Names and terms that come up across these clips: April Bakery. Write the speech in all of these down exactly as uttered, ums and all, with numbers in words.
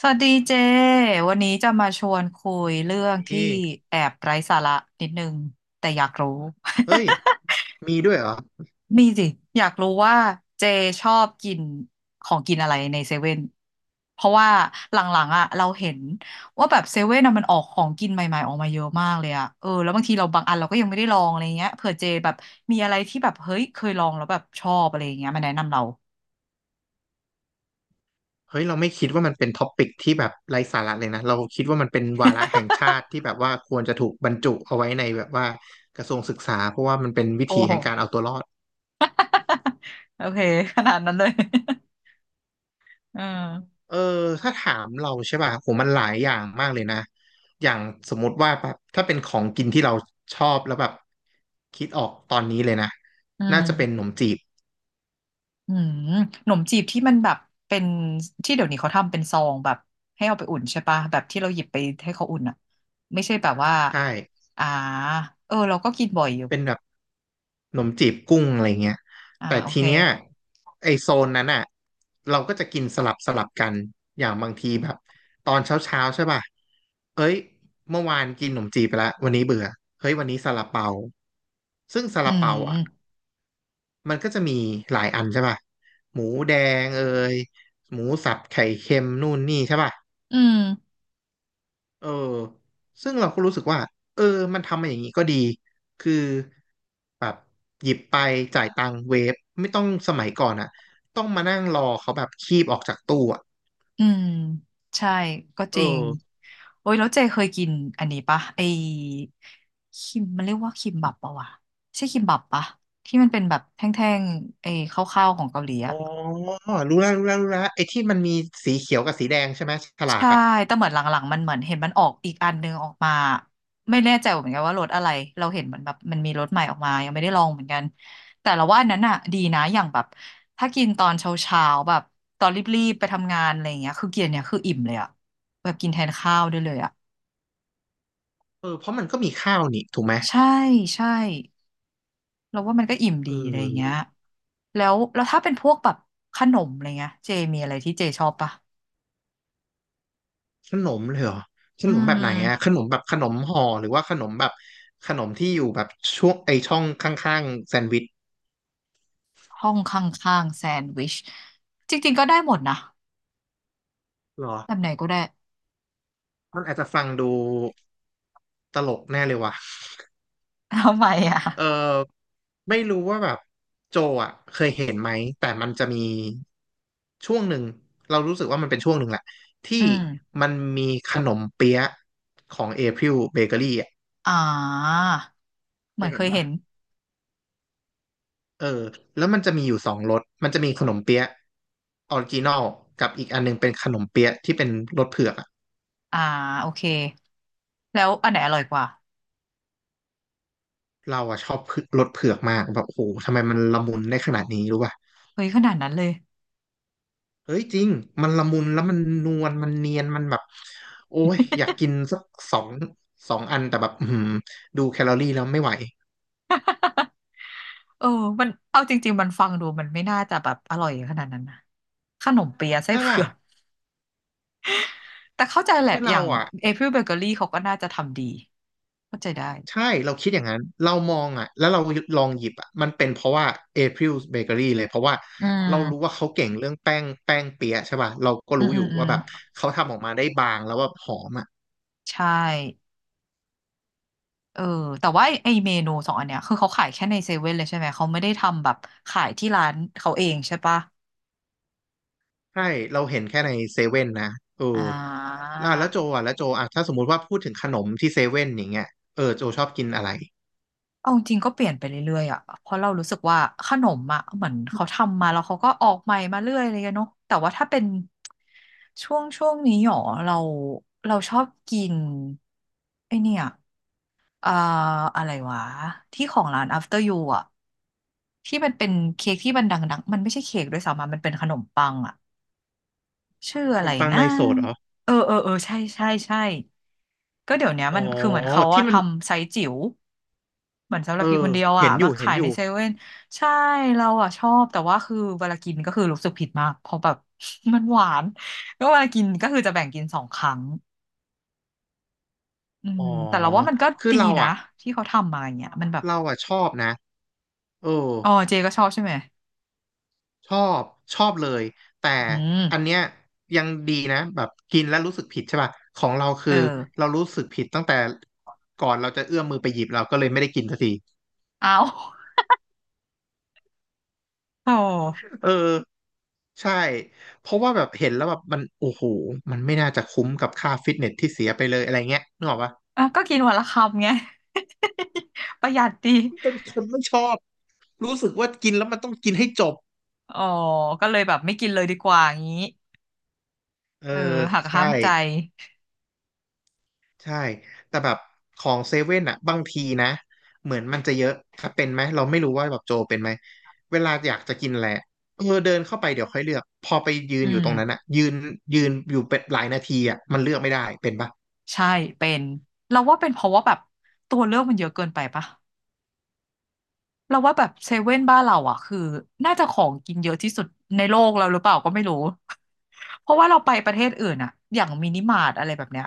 สวัสดีเจวันนี้จะมาชวนคุยเรื่อมงที่ีแอบไร้สาระนิดนึงแต่อยากรู้ เฮ้ยมีด้วยเหรอ มีสิอยากรู้ว่าเจชอบกินของกินอะไรในเซเว่นเพราะว่าหลังๆอ่ะเราเห็นว่าแบบเซเว่นอะมันออกของกินใหม่ๆออกมาเยอะมากเลยอ่ะเออแล้วบางทีเราบางอันเราก็ยังไม่ได้ลองอะไรเงี้ยเผื่อเจแบบมีอะไรที่แบบเฮ้ยเคยลองแล้วแบบชอบอะไรเงี้ยมาแนะนำเรา เฮ้ย เราไม่คิดว่ามันเป็นท็อปิกที่แบบไร้สาระเลยนะเราคิดว่ามันเป็นวาระแห่ง ชาติที่แบบว่าควรจะถูกบรรจุเอาไว้ในแบบว่ากระทรวงศึกษาเพราะว่ามันเป็นวิโอ้ธีโหแห่งการเอาตัวรอดโอเคขนาดนั้นเลย อืมเออถ้าถามเราใช่ป่ะโหมันหลายอย่างมากเลยนะอย่างสมมติว่าแบบถ้าเป็นของกินที่เราชอบแล้วแบบคิดออกตอนนี้เลยนะอืน่าจะเป็นขนม มจีบอืมหนมจีบที่มันแบบเป็นที่เดี๋ยวนี้เขาทำเป็นซองแบบให้เอาไปอุ่นใช่ปะแบบที่เราหยิบไปให้เขาอุ่นอ่ะไม่ใช่แบบว่าใช่ อ่าเออเราก็กินบ่อยอยู่เป็นแบบขนมจีบกุ้งอะไรเงี้ยอ่าแต่โอทีเคเนี้ยไอโซนนั้นอ่ะเราก็จะกินสลับสลับกันอย่างบางทีแบบตอนเช้าเช้าใช่ป่ะเอ้ยเมื่อวานกินขนมจีบไปละวันนี้เบื่อเฮ้ยวันนี้ซาลาเปาซึ่งซาอืลาเปาอ่ะมมันก็จะมีหลายอันใช่ป่ะหมูแดงเอยหมูสับไข่เค็มนู่นนี่ใช่ป่ะ อืมเออซึ่งเราก็รู้สึกว่าเออมันทำมาอย่างนี้ก็ดี คือแบบหยิบไปจ่ายตังค์เวฟไม่ต้องสมัยก่อนอะต้องมานั่งรอเขาแบบคีบออกจากตู้อะอืมใช่ก็เอจริงอโอ้ยแล้วเจเคยกินอันนี้ปะไอคิมมันเรียกว่าคิมบับปะวะใช่คิมบับปะที่มันเป็นแบบแท่งๆไอข้าวๆของเกาหลีอ๋อะ อ รู้แล้วรู้แล้วรู้แล้วไอ้ที่มันมีสีเขียวกับสีแดงใช่ไหมฉลากใช่ อะแต่เหมือนหลังๆมันเหมือนเห็นมันออกอีกอันนึงออกมาไม่แน่ใจเหมือนกันว่ารถอะไรเราเห็นเหมือนแบบมันมีรถใหม่ออกมายังไม่ได้ลองเหมือนกันแต่เราว่าอันนั้นอ่ะดีนะอย่างแบบถ้ากินตอนเช้าๆแบบตอนรีบๆไปทำงานอะไรอย่างเงี้ยคือกินเนี่ยคืออิ่มเลยอ่ะแบบกินแทนข้าวได้เลยอ่ะเออเพราะมันก็มีข้าวนี่ถูกไหมใช่ใช่เราว่ามันก็อิ่มเดีอะไรอย่างเงี้ยออแล้วแล้วถ้าเป็นพวกแบบขนมอะไรเงี้ยเจมีอะไรที่เจชอบปะขนมเลยเหรอ ขอืนมแบบไหนอะขมนมแบบขนมห่อหรือว่าขนมแบบขนมที่อยู่แบบช่วงไอช่องข้างๆแซนด์วิชห้องข้างๆแซนด์วิชจริงๆก็ได้หมดนะ เหรอแบบไหนก็ได้ มันอาจจะฟังดู ตลกแน่เลยว่ะ ทำไมอ่ะ เออไม่รู้ว่าแบบโจอ่ะเคยเห็นไหม แต่มันจะมีช่วงหนึ่งเรารู้สึกว่ามันเป็นช่วงหนึ่งแหละอืที่ม มันมีขนมเปี๊ยะของ April Bakery อ่ะอ่า เหเคมือยนเห็เคนยป่ะเห็น เออแล้วมันจะมีอยู่สองรสมันจะมีขนมเปี๊ยะออริจินอลกับอีกอันหนึงเป็นขนมเปี๊ยะที่เป็นรสเผือกอะอ่าโอเค แล้วอันไหนอร่อยกว่า เราอะชอบเผือกรสเผือกมากแบบโอ้โหทำไมมันละมุนได้ขนาดนี้รู้ป่ะ เฮ้ยขนาดนั้นเลย เฮ้ยจริงมันละมุนแล้วมันนวลมันเนียนมันแบบโอ้ยอยากกินสักสองสองอันแต่แบบอือหือดูแคลอรี่แล้วไม่ไหว เออมันเอาจริงๆมันฟังดูมันไม่น่าจะแบบอร่อยขนาดนั้นนะขนมเปี๊ยะไส้ใช่เผืป่ะอก แต่เข้าใจแหละ คืออเราย่างอ่ะเอพิลเบเกอรี่เขาก็น่าจะทำดีเข้าใจได้ ใช่เราคิดอย่างนั้นเรามองอ่ะแล้วเราลองหยิบอ่ะมันเป็นเพราะว่า April Bakery เลยเพราะว่าอืเรารู้ว่ามเขาเก่งเรื่องแป้งแป้งเปี๊ยะใช่ป่ะเราก็อืมรู้อือมยู่อืว่ามแบบเขาทำออกมาได้บางแล้วแบบหอมอ่ะ ใช่เออแต่ว่าไอ้ไอ้เมนูสองอันเนี้ยคือเขาขายแค่ในเซเว่นเลยใช่ไหมเขาไม่ได้ทำแบบขายที่ร้านเขาเองใช่ปะ ใช่เราเห็นแค่ในเซเว่นนะเอออ่าอ่ะแล้วโจอ่ะแล้วโจอ่ะถ้าสมมุติว่าพูดถึงขนมที่เซเว่นอย่างเงี้ยเออโจชอบกินอะไรเอาจริงก็เปลี่ยนไปเรื่อยๆอ่ะ เพราะเรารู้สึกว่าขนมอ่ะเหมือนเขาทำมาแล้วเขาก็ออกใหม่มาเรื่อยเลยอะเนาะแต่ว่าถ้าเป็นช่วงช่วงนี้หรอเราเราชอบกินไอเนี่ยอ่าอะไรวะที่ของร้าน After You อ่ะที่มันเป็นเค้กที่มันดังๆมันไม่ใช่เค้กด้วยซ้ำอะมันเป็นขนมปังอ่ะ ชื่อขอะนไรมปังนะเนยสดเหรอเออเออเออใช่ใช่ใช่ก็เดี๋ยวเนี้ยอ๋อมันคือเหมือนเขาที่อะมันทำไซส์จิ๋วเหมือนสำหรัเอบกินอคนเดียวเห็อะนอมายู่เห็นขายอในยู่เซเว่นใช่เราอะชอบแต่ว่าคือเวลากินก็คือรู้สึกผิดมากเพราะแบบ มันหวานก็เวลากินก็คือจะแบ่งกินสองครั้งอือ๋อมแต่เราว่ามันก็คือดีเรานะอ่ะที่เขาทำมาอย่างเงี้ยมันแบบเราอ่ะชอบนะเอออ๋อเจก็ชอบใช่ไหมชอบชอบเลยแต่อืมอันเนี้ยยังดีนะแบบกินแล้วรู้สึกผิดใช่ป่ะของเราคืเอออเรารู้สึกผิดตั้งแต่ก่อนเราจะเอื้อมมือไปหยิบเราก็เลยไม่ได้กินสักที เอา โอ้เออใช่เพราะว่าแบบเห็นแล้วแบบมันโอ้โหมันไม่น่าจะคุ้มกับค่าฟิตเนสที่เสียไปเลยอะไรเงี้ยนึกออกปะอ่ะก็กินวันละคำไงประหยัดดี เป็นคนไม่ชอบรู้สึกว่ากินแล้วมันต้องกินให้จบอ๋อ ก็เลยแบบไม่กินเลยดีกว่างี้เออเออหักใช่ห้ามใจใช่แต่แบบของเซเว่นอะบางทีนะเหมือนมันจะเยอะถ้าเป็นไหมเราไม่รู้ว่าแบบโจเป็นไหมเวลาอยากจะกินอะไรอะเออเดินเข้าไปเดี๋ยวค่อยเลือกพอไปยือืนอยู่มตรงนั้นอะยืนยืนอยู่เป็นหลายนาทีอะมันเลือกไม่ได้เป็นปะใช่เป็นเราว่าเป็นเพราะว่าแบบตัวเลือกมันเยอะเกินไปปะ เราว่าแบบเซเว่นบ้านเราอ่ะคือน่าจะของกินเยอะที่สุดในโลกเราหรือเปล่าก็ไม่รู้ เพราะว่าเราไปประเทศอื่นอ่ะอย่างมินิมาร์ทอะไรแบบเนี้ย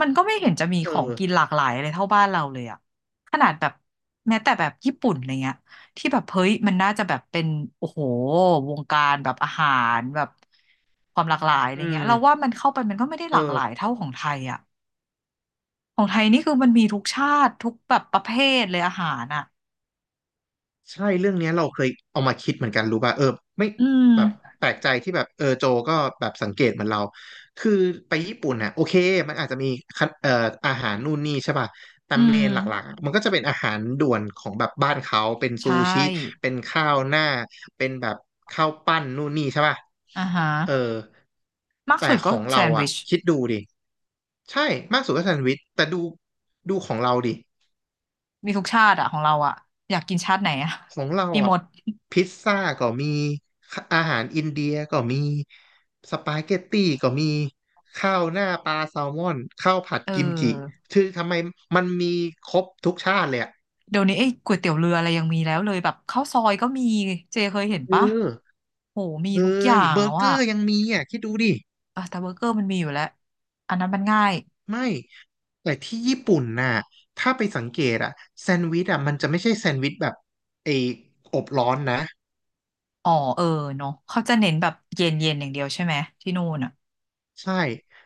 มันก็ไม่เห็นจะมีเอของอกินหลากหลายอะไรเท่าบ้านเราเลยอ่ะขนาดแบบแม้แต่แบบญี่ปุ่นอะไรเงี้ยที่แบบเฮ้ยมันน่าจะแบบเป็นโอ้โหวงการแบบอาหารแบบความหลากหลายอะไรอืเงี้ยมเราว่ามันเข้าไปมันก็ไม่ได้เอหลากหลายอ เท่าของไทยอ่ะของไทยนี่คือมันมีทุกชาติทุกแบบประเภทเลยอาหารอ่ะใช่เรื่องเนี้ยเราเคยเอามาคิดเหมือนกันรู้ป่ะเออไม่อืมแบบแปลกใจที่แบบเออโจก็แบบสังเกตเหมือนเราคือไปญี่ปุ่นน่ะโอเคมันอาจจะมีคันเอ่ออาหารนู่นนี่ใช่ป่ะแต่อืเมนหลักม ๆอะมันก็จะเป็นอาหารด่วนของแบบบ้านเขาเป็นซูใช่ชิเป็นข้าวหน้าเป็นแบบข้าวปั้นนู่นนี่ใช่ป่ะอ่าฮะเออมากสุแต่ดขก็องแซเรานด์อ่ะวิชคิดดูดิใช่มากสุดก็แซนด์วิชแต่ดูดูของเราดิ มีทุกชาติอะของเราอะอยากกินชาติไหนอะของเรามีหมอ่ะดพิซซ่าก็มีอาหารอินเดียก็มีสปาเกตตี้ก็มีข้าวหน้าปลาแซลมอนข้าวผัดเอกิมจิอคือทำไมมันมีครบทุกชาติเลยอ่ะเดี๋ยวนี้ไอ้ก๋วยเตี๋ยวเรืออะไรยังมีแล้วเลยแบบข้าวซอยก็มีเจเคยเห็นเอปะอโหมีทุกอเฮ้ย่ายงเบออะร์เกว่ะอร์ยังมีอ่ะคิดดูดิเออแต่เบอร์เกอร์มันมีอยู่แล้วอันนั้นมันง่ายไม่แต่ที่ญี่ปุ่นน่ะถ้าไปสังเกตอ่ะแซนด์วิชอ่ะมันจะไม่ใช่แซนด์วิชแบบไอ้อบร้อนนะ อ๋อเออเนาะเขาจะเน้นแบบเย็นเย็นอย่างเดียวใช่ไหมที่นู่นอะใช่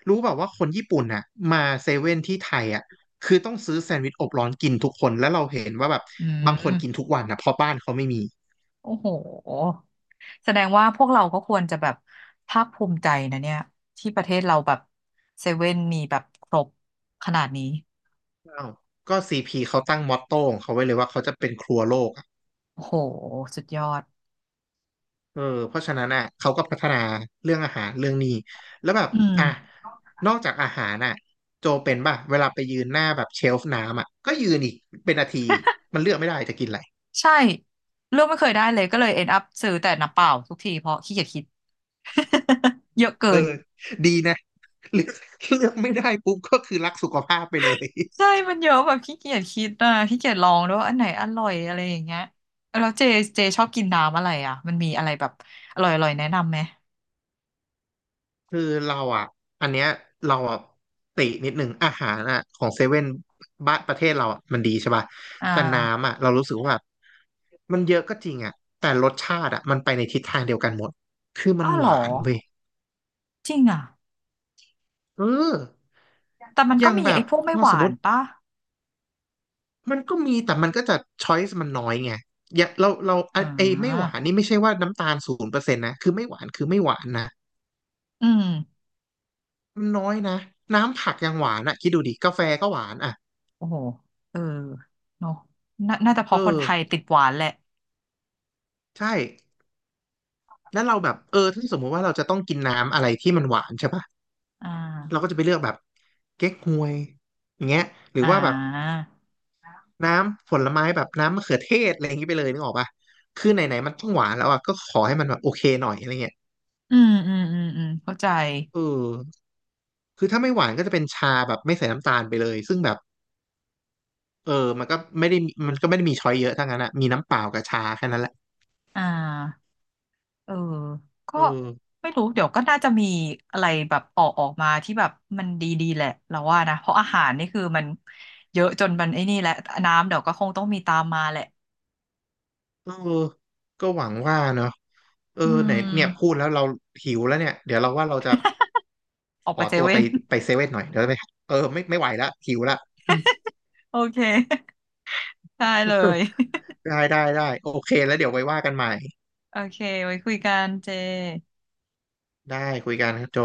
รู้แบบว่าคนญี่ปุ่นน่ะมาเซเว่นที่ไทยอ่ะคือต้องซื้อแซนด์วิชอบร้อนกินทุกคนแล้วเราเห็นว่าแบบอืบางคนกินมทุกวันนะเพราะบ้านเขาไม่มีโอ้โห แสดงว่าพวกเราก็ควรจะแบบภาคภูมิใจนะเนี่ยที่ประเทศเราแบบเซเว่นมีแบบครบขนาดนี้อ้าวก็ซีพีเขาตั้งมอตโต้ของเขาไว้เลยว่าเขาจะเป็นครัวโลกอะโอ้โหสุดยอดเออเพราะฉะนั้นอ่ะเขาก็พัฒนาเรื่องอาหารเรื่องนี้แล้วแบบอืมอ่ะนอกจากอาหารน่ะโจเป็นป่ะเวลาไปยืนหน้าแบบเชลฟ์น้ำอ่ะก็ยืนอีกเป็นนาทีอีกมันเลือกไม่ได้จะกินอะไรใช่เลือกไม่เคยได้เลยก็เลย end up ซื้อแต่น้ำเปล่าทุกทีเพราะขี้เกียจคิด เยอะเกิเอนอดีนะ เลือกเลือกไม่ได้ปุ๊บก็คือรักสุขภาพไปเลย ใช่มันเยอะแบบขี้เกียจคิดอ่ะขี้เกียจลองด้วยว่าอันไหนอร่อยอะไรอย่างเงี้ยแล้วเจเจชอบกินน้ำอะไรอ่ะมันมีอะไรแบบอร่อยๆแนะนำไหมคือเราอ่ะอันเนี้ยเราอ่ะตินิดหนึ่งอาหารอ่ะของเซเว่นบ้านประเทศเราอ่ะมันดีใช่ป่ะอ่แต่น้ำาอ่ะเรารู้สึกว่าแบบมันเยอะก็จริงอ่ะแต่รสชาติอ่ะมันไปในทิศทางเดียวกันหมดคือมันอ้าวหเหรอวานเว้ยจริงอ่ะ เออแต่มันอก็ย่างมีแบไอ้บพวกไม่เราหสวามมนติป่ะมันก็มีแต่มันก็จะช้อยส์มันน้อยไงอย่าเราเราไออ่ไอ้ไม่หวาานนี่ไม่ใช่ว่าน้ำตาลศูนย์เปอร์เซ็นต์นะคือไม่หวานคือไม่หวานนะอืมมันน้อยนะน้ำผักยังหวานอ่ะคิดดูดิกาแฟก็หวานอ่ะโอ้โหเออเนอะน่าน่าจะเพเอออ คนไทยติดหวานแหละใช่แล้วเราแบบเออถ้าสมมุติว่าเราจะต้องกินน้ำอะไรที่มันหวานใช่ปะอ่เราก็าจะไปเลือกแบบเก๊กฮวยอย่างเงี้ยหรืออ่าว่าแบบน้ำผลไม้แบบน้ำมะเขือเทศอะไรอย่างงี้ไปเลยนึกออกปะคือไหนๆมันต้องหวานแล้วอ่ะก็ขอให้มันแบบโอเคหน่อยอะไรเงี้ยอืมอืมอืม อืมเข้าใจเออคือถ้าไม่หวานก็จะเป็นชาแบบไม่ใส่น้ำตาลไปเลยซึ่งแบบเออมันก็ไม่ได้มันก็ไม่ได้มีช้อยเยอะทั้งนั้นอะมีน้ำเปล่ากับชาแค่นั้นแหละอ่าเออก็เออไม่รู้ เดี๋ยวก็น่าจะมีอะไรแบบออกออกมาที่แบบมันดีๆแหละเราว่านะ เพราะอาหารนี่คือมันเยอะจนมันไอ้นี่แหละน้ำเดี๋ยวก็คงต้องมีตามมาแหละเออก็หวังว่าเนาะเอออืไหนเนี่ยพูมดแล้วเราหิวแล้วเนี่ยเดี๋ยวเราว่าเราจะ ออกขไปอเซตัวเว่ไปน ไปเซเว่นหน่อยเดี๋ยวไปเออไม่ไม่ไหวละหิวละอืม โอเคได้เลย ได้ได้ได้โอเคแล้วเดี๋ยวไว้ว่ากันใหม่โอเคไว้คุยกันเจได้คุยกันครับโจ